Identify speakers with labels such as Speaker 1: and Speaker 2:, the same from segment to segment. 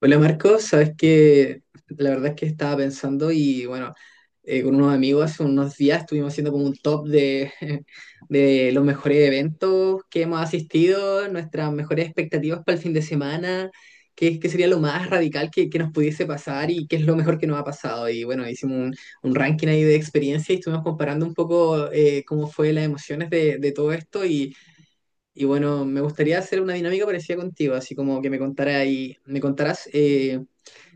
Speaker 1: Hola Marcos, sabes que la verdad es que estaba pensando y bueno, con unos amigos hace unos días estuvimos haciendo como un top de los mejores eventos que hemos asistido, nuestras mejores expectativas para el fin de semana, qué sería lo más radical que nos pudiese pasar y qué es lo mejor que nos ha pasado. Y bueno, hicimos un ranking ahí de experiencia y estuvimos comparando un poco cómo fue las emociones de todo esto Y bueno, me gustaría hacer una dinámica parecida contigo, así como que me contara y me contarás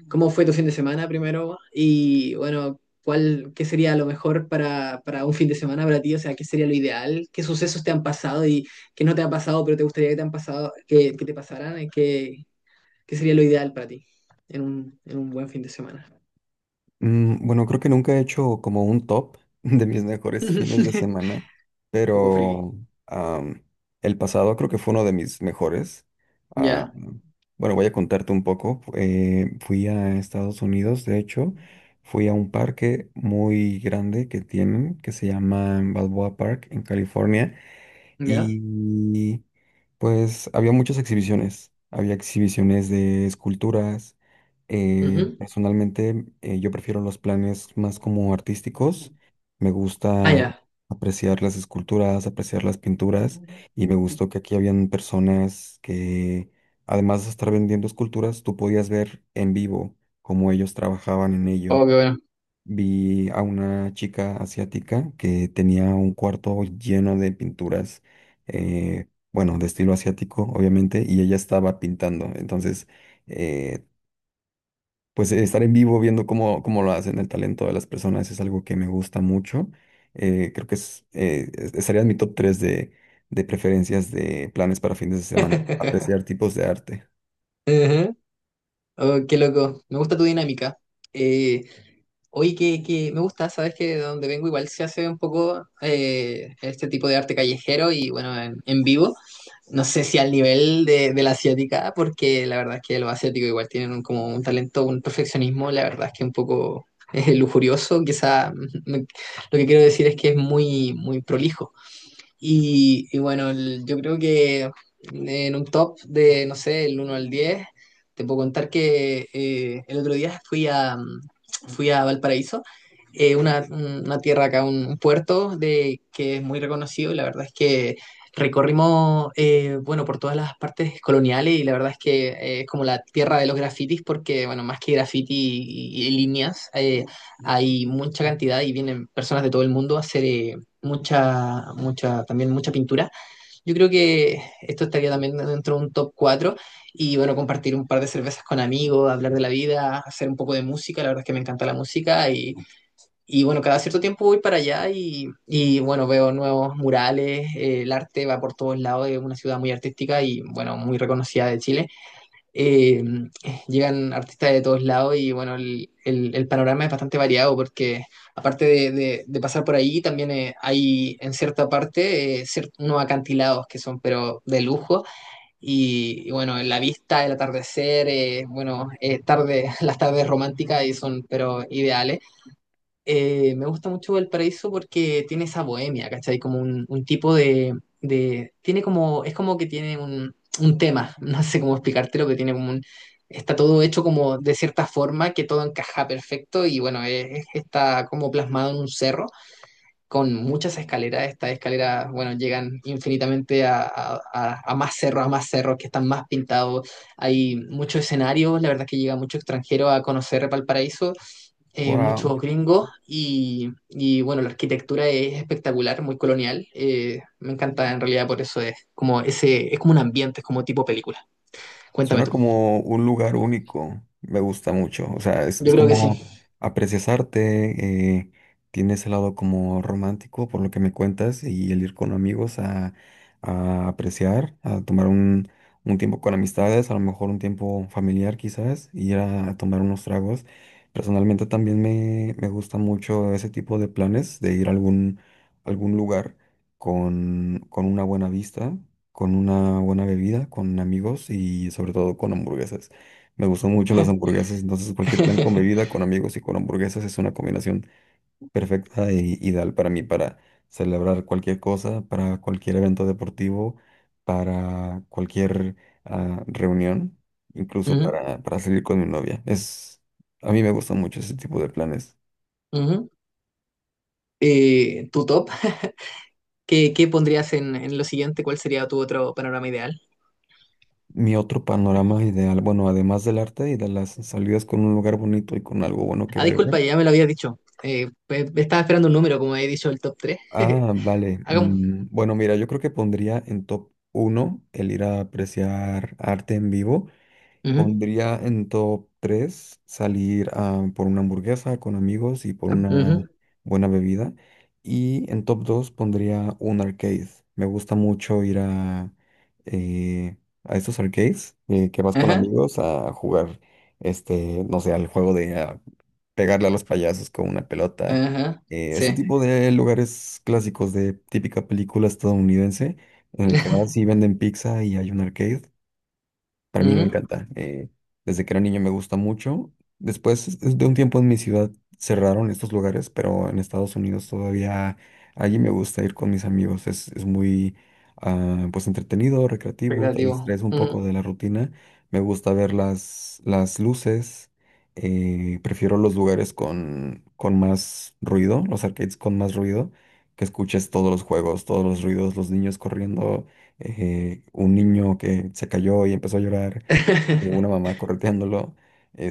Speaker 1: ¿cómo fue tu fin de semana primero? Y bueno, ¿qué sería lo mejor para un fin de semana para ti? O sea, ¿qué sería lo ideal? ¿Qué sucesos te han pasado y que no te han pasado, pero te gustaría que te han pasado, que te pasaran? ¿Qué, qué sería lo ideal para ti en en un buen fin de semana?
Speaker 2: Bueno, creo que nunca he hecho como un top de mis mejores fines de semana,
Speaker 1: Un poco friki.
Speaker 2: pero am, el pasado creo que fue uno de mis mejores. Ah,
Speaker 1: ¿Ya?
Speaker 2: bueno, voy a contarte un poco. Fui a Estados Unidos, de hecho, fui a un parque muy grande que tienen, que se llama Balboa Park en California.
Speaker 1: ¿Ya?
Speaker 2: Y pues había muchas exhibiciones. Había exhibiciones de esculturas.
Speaker 1: Ujú.
Speaker 2: Personalmente, yo prefiero los planes más como artísticos. Me
Speaker 1: Ah,
Speaker 2: gusta
Speaker 1: ya.
Speaker 2: apreciar las esculturas, apreciar las pinturas. Y me gustó que aquí habían personas que, además de estar vendiendo esculturas, tú podías ver en vivo cómo ellos trabajaban en ello.
Speaker 1: Oh, qué bueno.
Speaker 2: Vi a una chica asiática que tenía un cuarto lleno de pinturas, eh, bueno, de estilo asiático, obviamente, y ella estaba pintando. Entonces, eh, pues estar en vivo viendo cómo lo hacen, el talento de las personas es algo que me gusta mucho. Creo que es, estaría en mi top 3 de preferencias de planes para fines de semana, apreciar tipos de arte.
Speaker 1: Ujú. Oh, qué loco. Me gusta tu dinámica. Eh, Oye, que me gusta, sabes que de donde vengo igual se hace un poco este tipo de arte callejero y bueno, en vivo. No sé si al nivel de la asiática, porque la verdad es que los asiáticos igual tienen un- como un talento, un perfeccionismo, la verdad es que un poco lujurioso. Quizá lo que quiero decir es que es muy, muy prolijo. Y bueno, el- yo creo que en un top de, no sé, el uno al 10 te puedo contar que el otro día fui a fui a Valparaíso, una tierra acá, un puerto de que es muy reconocido y la verdad es que recorrimos, bueno, por todas las partes coloniales y la verdad es que es como la tierra de los grafitis porque, bueno, más que grafiti y líneas, hay mucha cantidad y vienen personas de todo el mundo a hacer, mucha, mucha, también mucha pintura. Yo creo que esto estaría también dentro de un top 4 y bueno, compartir un par de cervezas con amigos, hablar de la vida, hacer un poco de música, la verdad es que me encanta la música y bueno, cada cierto tiempo voy para allá y bueno, veo nuevos murales, el arte va por todos lados, es una ciudad muy artística y bueno, muy reconocida de Chile. eh, Llegan artistas de todos lados y bueno, el panorama es bastante variado porque aparte de pasar por ahí, también hay en cierta parte unos acantilados que son pero de lujo y bueno, la vista, el atardecer, bueno, tarde, las tardes románticas y son pero ideales. Me gusta mucho Valparaíso porque tiene esa bohemia, ¿cachai? Como un tipo de. Tiene como... Es como que tiene un tema, no sé cómo explicártelo, que tiene como un... Está todo hecho como de cierta forma, que todo encaja perfecto y bueno, está como plasmado en un cerro con muchas escaleras. Estas escaleras, bueno, llegan infinitamente a más cerros que están más pintados. Hay muchos escenarios, la verdad es que llega mucho extranjero a conocer Valparaíso.
Speaker 2: Wow.
Speaker 1: Muchos gringos y bueno, la arquitectura es espectacular, muy colonial. Me encanta en realidad, por eso es como ese, es como un ambiente, es como tipo película. Cuéntame
Speaker 2: Suena
Speaker 1: tú.
Speaker 2: como un lugar único, me gusta mucho, o sea,
Speaker 1: Yo
Speaker 2: es
Speaker 1: creo que sí.
Speaker 2: como aprecias arte, tiene ese lado como romántico por lo que me cuentas y el ir con amigos a apreciar, a tomar un tiempo con amistades, a lo mejor un tiempo familiar quizás, y ir a, tomar unos tragos. Personalmente también me gusta mucho ese tipo de planes, de ir a algún, algún lugar con una buena vista con una buena bebida, con amigos y sobre todo con hamburguesas. Me gustan mucho las hamburguesas, entonces cualquier plan con bebida, con amigos y con hamburguesas es una combinación perfecta e ideal para mí, para celebrar cualquier cosa, para cualquier evento deportivo, para cualquier reunión, incluso
Speaker 1: Ujú,
Speaker 2: para salir con mi novia. Es, a mí me gustan mucho ese tipo de planes.
Speaker 1: ujú. Tu top, ¿qué pondrías en lo siguiente? ¿Cuál sería tu otro panorama ideal?
Speaker 2: Mi otro panorama ideal, bueno, además del arte y de las salidas con un lugar bonito y con algo bueno que
Speaker 1: Ah, disculpa,
Speaker 2: beber.
Speaker 1: ya me lo habías dicho. Estaba esperando un número, como he dicho, el top tres.
Speaker 2: Ah, vale.
Speaker 1: Hagamos.
Speaker 2: Bueno, mira, yo creo que pondría en top uno el ir a apreciar arte en vivo.
Speaker 1: Ujú,
Speaker 2: Pondría en top 3 salir a por una hamburguesa con amigos y por una
Speaker 1: ujú.
Speaker 2: buena bebida. Y en top 2 pondría un arcade. Me gusta mucho ir eh, a estos arcades que vas con
Speaker 1: Ajá,
Speaker 2: amigos a jugar, este, no sé, al juego de pegarle a los payasos con una pelota.
Speaker 1: ajá.
Speaker 2: Este
Speaker 1: Sí.
Speaker 2: tipo de lugares clásicos de típica película estadounidense, en el que vas y venden pizza y hay un arcade. Para mí me
Speaker 1: Ujú.
Speaker 2: encanta. Desde que era niño me gusta mucho. De un tiempo en mi ciudad cerraron estos lugares, pero en Estados Unidos todavía allí me gusta ir con mis amigos. Es muy pues entretenido, recreativo, te
Speaker 1: Recreativo.
Speaker 2: distraes un poco
Speaker 1: Ujú.
Speaker 2: de la rutina. Me gusta ver las luces. Prefiero los lugares con más ruido, los arcades con más ruido, que escuches todos los juegos, todos los ruidos, los niños corriendo un niño que se cayó y empezó a llorar, y una mamá correteándolo,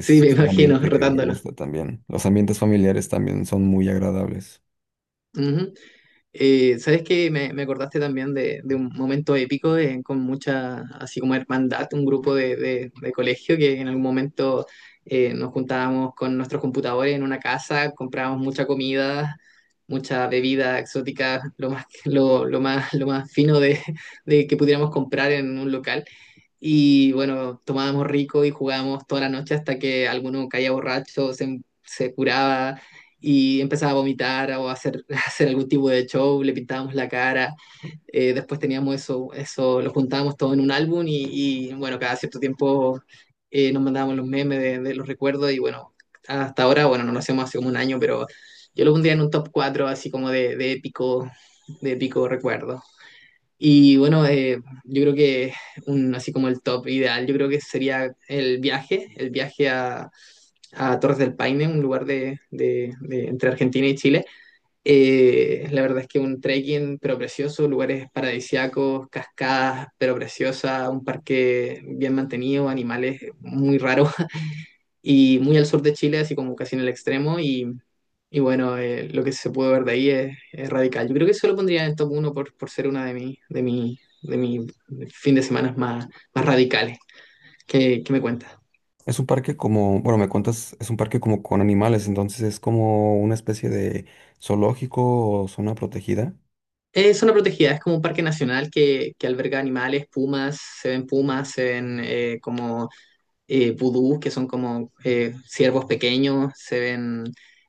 Speaker 1: Sí, me
Speaker 2: un
Speaker 1: imagino,
Speaker 2: ambiente que me
Speaker 1: retándolo.
Speaker 2: gusta también. Los ambientes familiares también son muy agradables.
Speaker 1: Ujú. ¿Sabes qué? Me acordaste también de un momento épico con mucha, así como hermandad, un grupo de colegio que en algún momento nos juntábamos con nuestros computadores en una casa, comprábamos mucha comida, mucha bebida exótica, lo más fino de que pudiéramos comprar en un local. Y bueno, tomábamos rico y jugábamos toda la noche hasta que alguno caía borracho, se curaba y empezaba a vomitar o a hacer algún tipo de show, le pintábamos la cara, después teníamos eso, eso lo juntábamos todo en un álbum y bueno, cada cierto tiempo nos mandábamos los memes de los recuerdos y bueno, hasta ahora, bueno, no lo hacemos hace como un año, pero yo lo pondría en un top 4 así como de épico recuerdo. Y bueno, yo creo que así como el top ideal, yo creo que sería el viaje a Torres del Paine, un lugar entre Argentina y Chile. La verdad es que un trekking pero precioso, lugares paradisíacos, cascadas pero preciosas, un parque bien mantenido, animales muy raros, y muy al sur de Chile, así como casi en el extremo y bueno, lo que se puede ver de ahí es radical. Yo creo que eso lo pondría en el top 1 por ser una de mi fin de semana más, más radicales. ¿Qué me cuentas?
Speaker 2: Es un parque como, bueno, me cuentas, es un parque como con animales, entonces es como una especie de zoológico o zona protegida.
Speaker 1: Es zona protegida, es como un parque nacional que alberga animales, pumas, se ven como vudús, que son como ciervos pequeños, se ven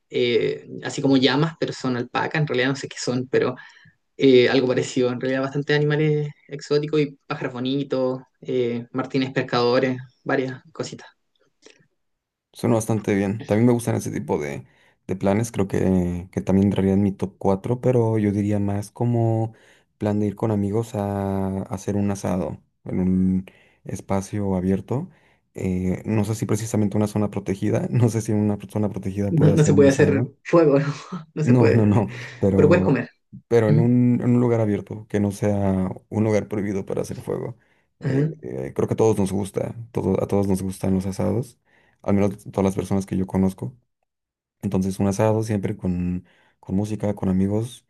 Speaker 1: así como llamas, pero son alpacas, en realidad no sé qué son, pero algo parecido, en realidad bastante animales exóticos y pájaros bonitos, martines pescadores, varias cositas.
Speaker 2: Suena bastante bien. También me gustan ese tipo de planes. Creo que también entraría en mi top 4 pero yo diría más como plan de ir con amigos a hacer un asado en un espacio abierto. No sé si precisamente una zona protegida. No sé si en una zona protegida puede
Speaker 1: No, no
Speaker 2: hacer
Speaker 1: se
Speaker 2: un
Speaker 1: puede hacer
Speaker 2: asado.
Speaker 1: fuego, ¿no? No se
Speaker 2: No, no,
Speaker 1: puede,
Speaker 2: no,
Speaker 1: pero puedes
Speaker 2: pero,
Speaker 1: comer.
Speaker 2: pero
Speaker 1: Ujú,
Speaker 2: en un lugar abierto, que no sea un lugar prohibido para hacer fuego.
Speaker 1: ajá,
Speaker 2: Creo que a todos nos gusta, a todos nos gustan los asados, al menos todas las personas que yo conozco. Entonces un asado siempre con música, con amigos,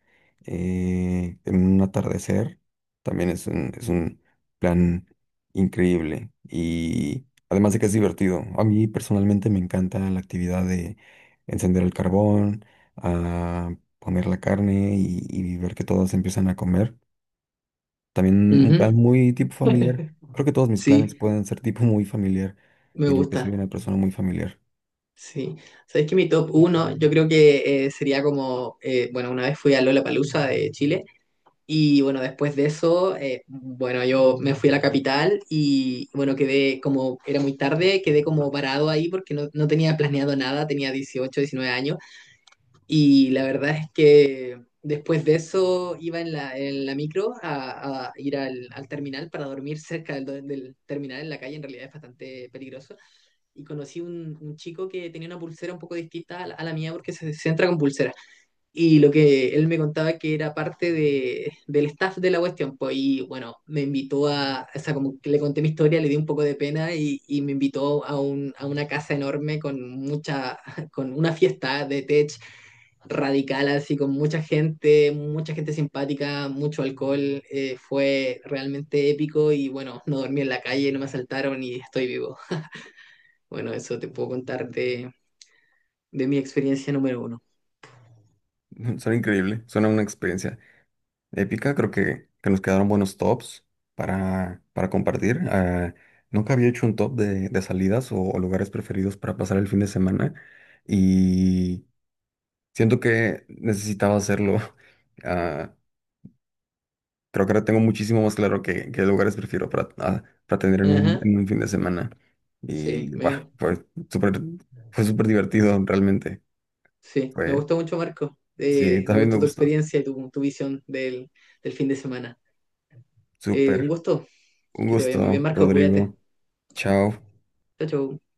Speaker 2: en un atardecer, también es un plan increíble. Y además de que es divertido, a mí personalmente me encanta la actividad de encender el carbón, a poner la carne y ver que todos empiezan a comer. También un plan
Speaker 1: ujú.
Speaker 2: muy tipo familiar. Creo que todos mis planes
Speaker 1: Sí,
Speaker 2: pueden ser tipo muy familiar.
Speaker 1: me
Speaker 2: Diría que soy
Speaker 1: gusta.
Speaker 2: una persona muy familiar.
Speaker 1: Sí, sabéis que mi top uno yo creo que sería como, bueno, una vez fui a Lollapalooza de Chile y bueno, después de eso, bueno, yo me fui a la capital y bueno, quedé como, era muy tarde, quedé como parado ahí porque no, no tenía planeado nada, tenía 18 19 años y la verdad es que después de eso iba en la micro a ir al terminal para dormir cerca del terminal en la calle, en realidad es bastante peligroso. Y conocí un chico que tenía una pulsera un poco distinta a la mía porque se entra con pulsera. Y lo que él me contaba que era parte del staff de la cuestión, pues, y bueno, me invitó a, o sea, como que le conté mi historia, le di un poco de pena y me invitó a una casa enorme con mucha, con una fiesta de tech radical, así con mucha gente simpática, mucho alcohol, fue realmente épico y bueno, no dormí en la calle, no me asaltaron y estoy vivo. Bueno, eso te puedo contar de mi experiencia número uno.
Speaker 2: Suena increíble, suena una experiencia épica. Creo que nos quedaron buenos tops para compartir. Nunca había hecho un top de salidas o lugares preferidos para pasar el fin de semana y siento que necesitaba hacerlo. Ah, Creo que ahora tengo muchísimo más claro qué, qué lugares prefiero para, para tener
Speaker 1: Ajá,
Speaker 2: en un fin de semana.
Speaker 1: sí,
Speaker 2: Y bueno,
Speaker 1: me,
Speaker 2: fue súper divertido realmente.
Speaker 1: sí, me
Speaker 2: Fue,
Speaker 1: gustó mucho, Marco.
Speaker 2: sí,
Speaker 1: Me
Speaker 2: también me
Speaker 1: gustó tu
Speaker 2: gustó.
Speaker 1: experiencia y tu visión del fin de semana. Un
Speaker 2: Súper.
Speaker 1: gusto.
Speaker 2: Un
Speaker 1: Que te vaya muy bien,
Speaker 2: gusto,
Speaker 1: Marco. Cuídate.
Speaker 2: Rodrigo. Chao.
Speaker 1: Chao, chao.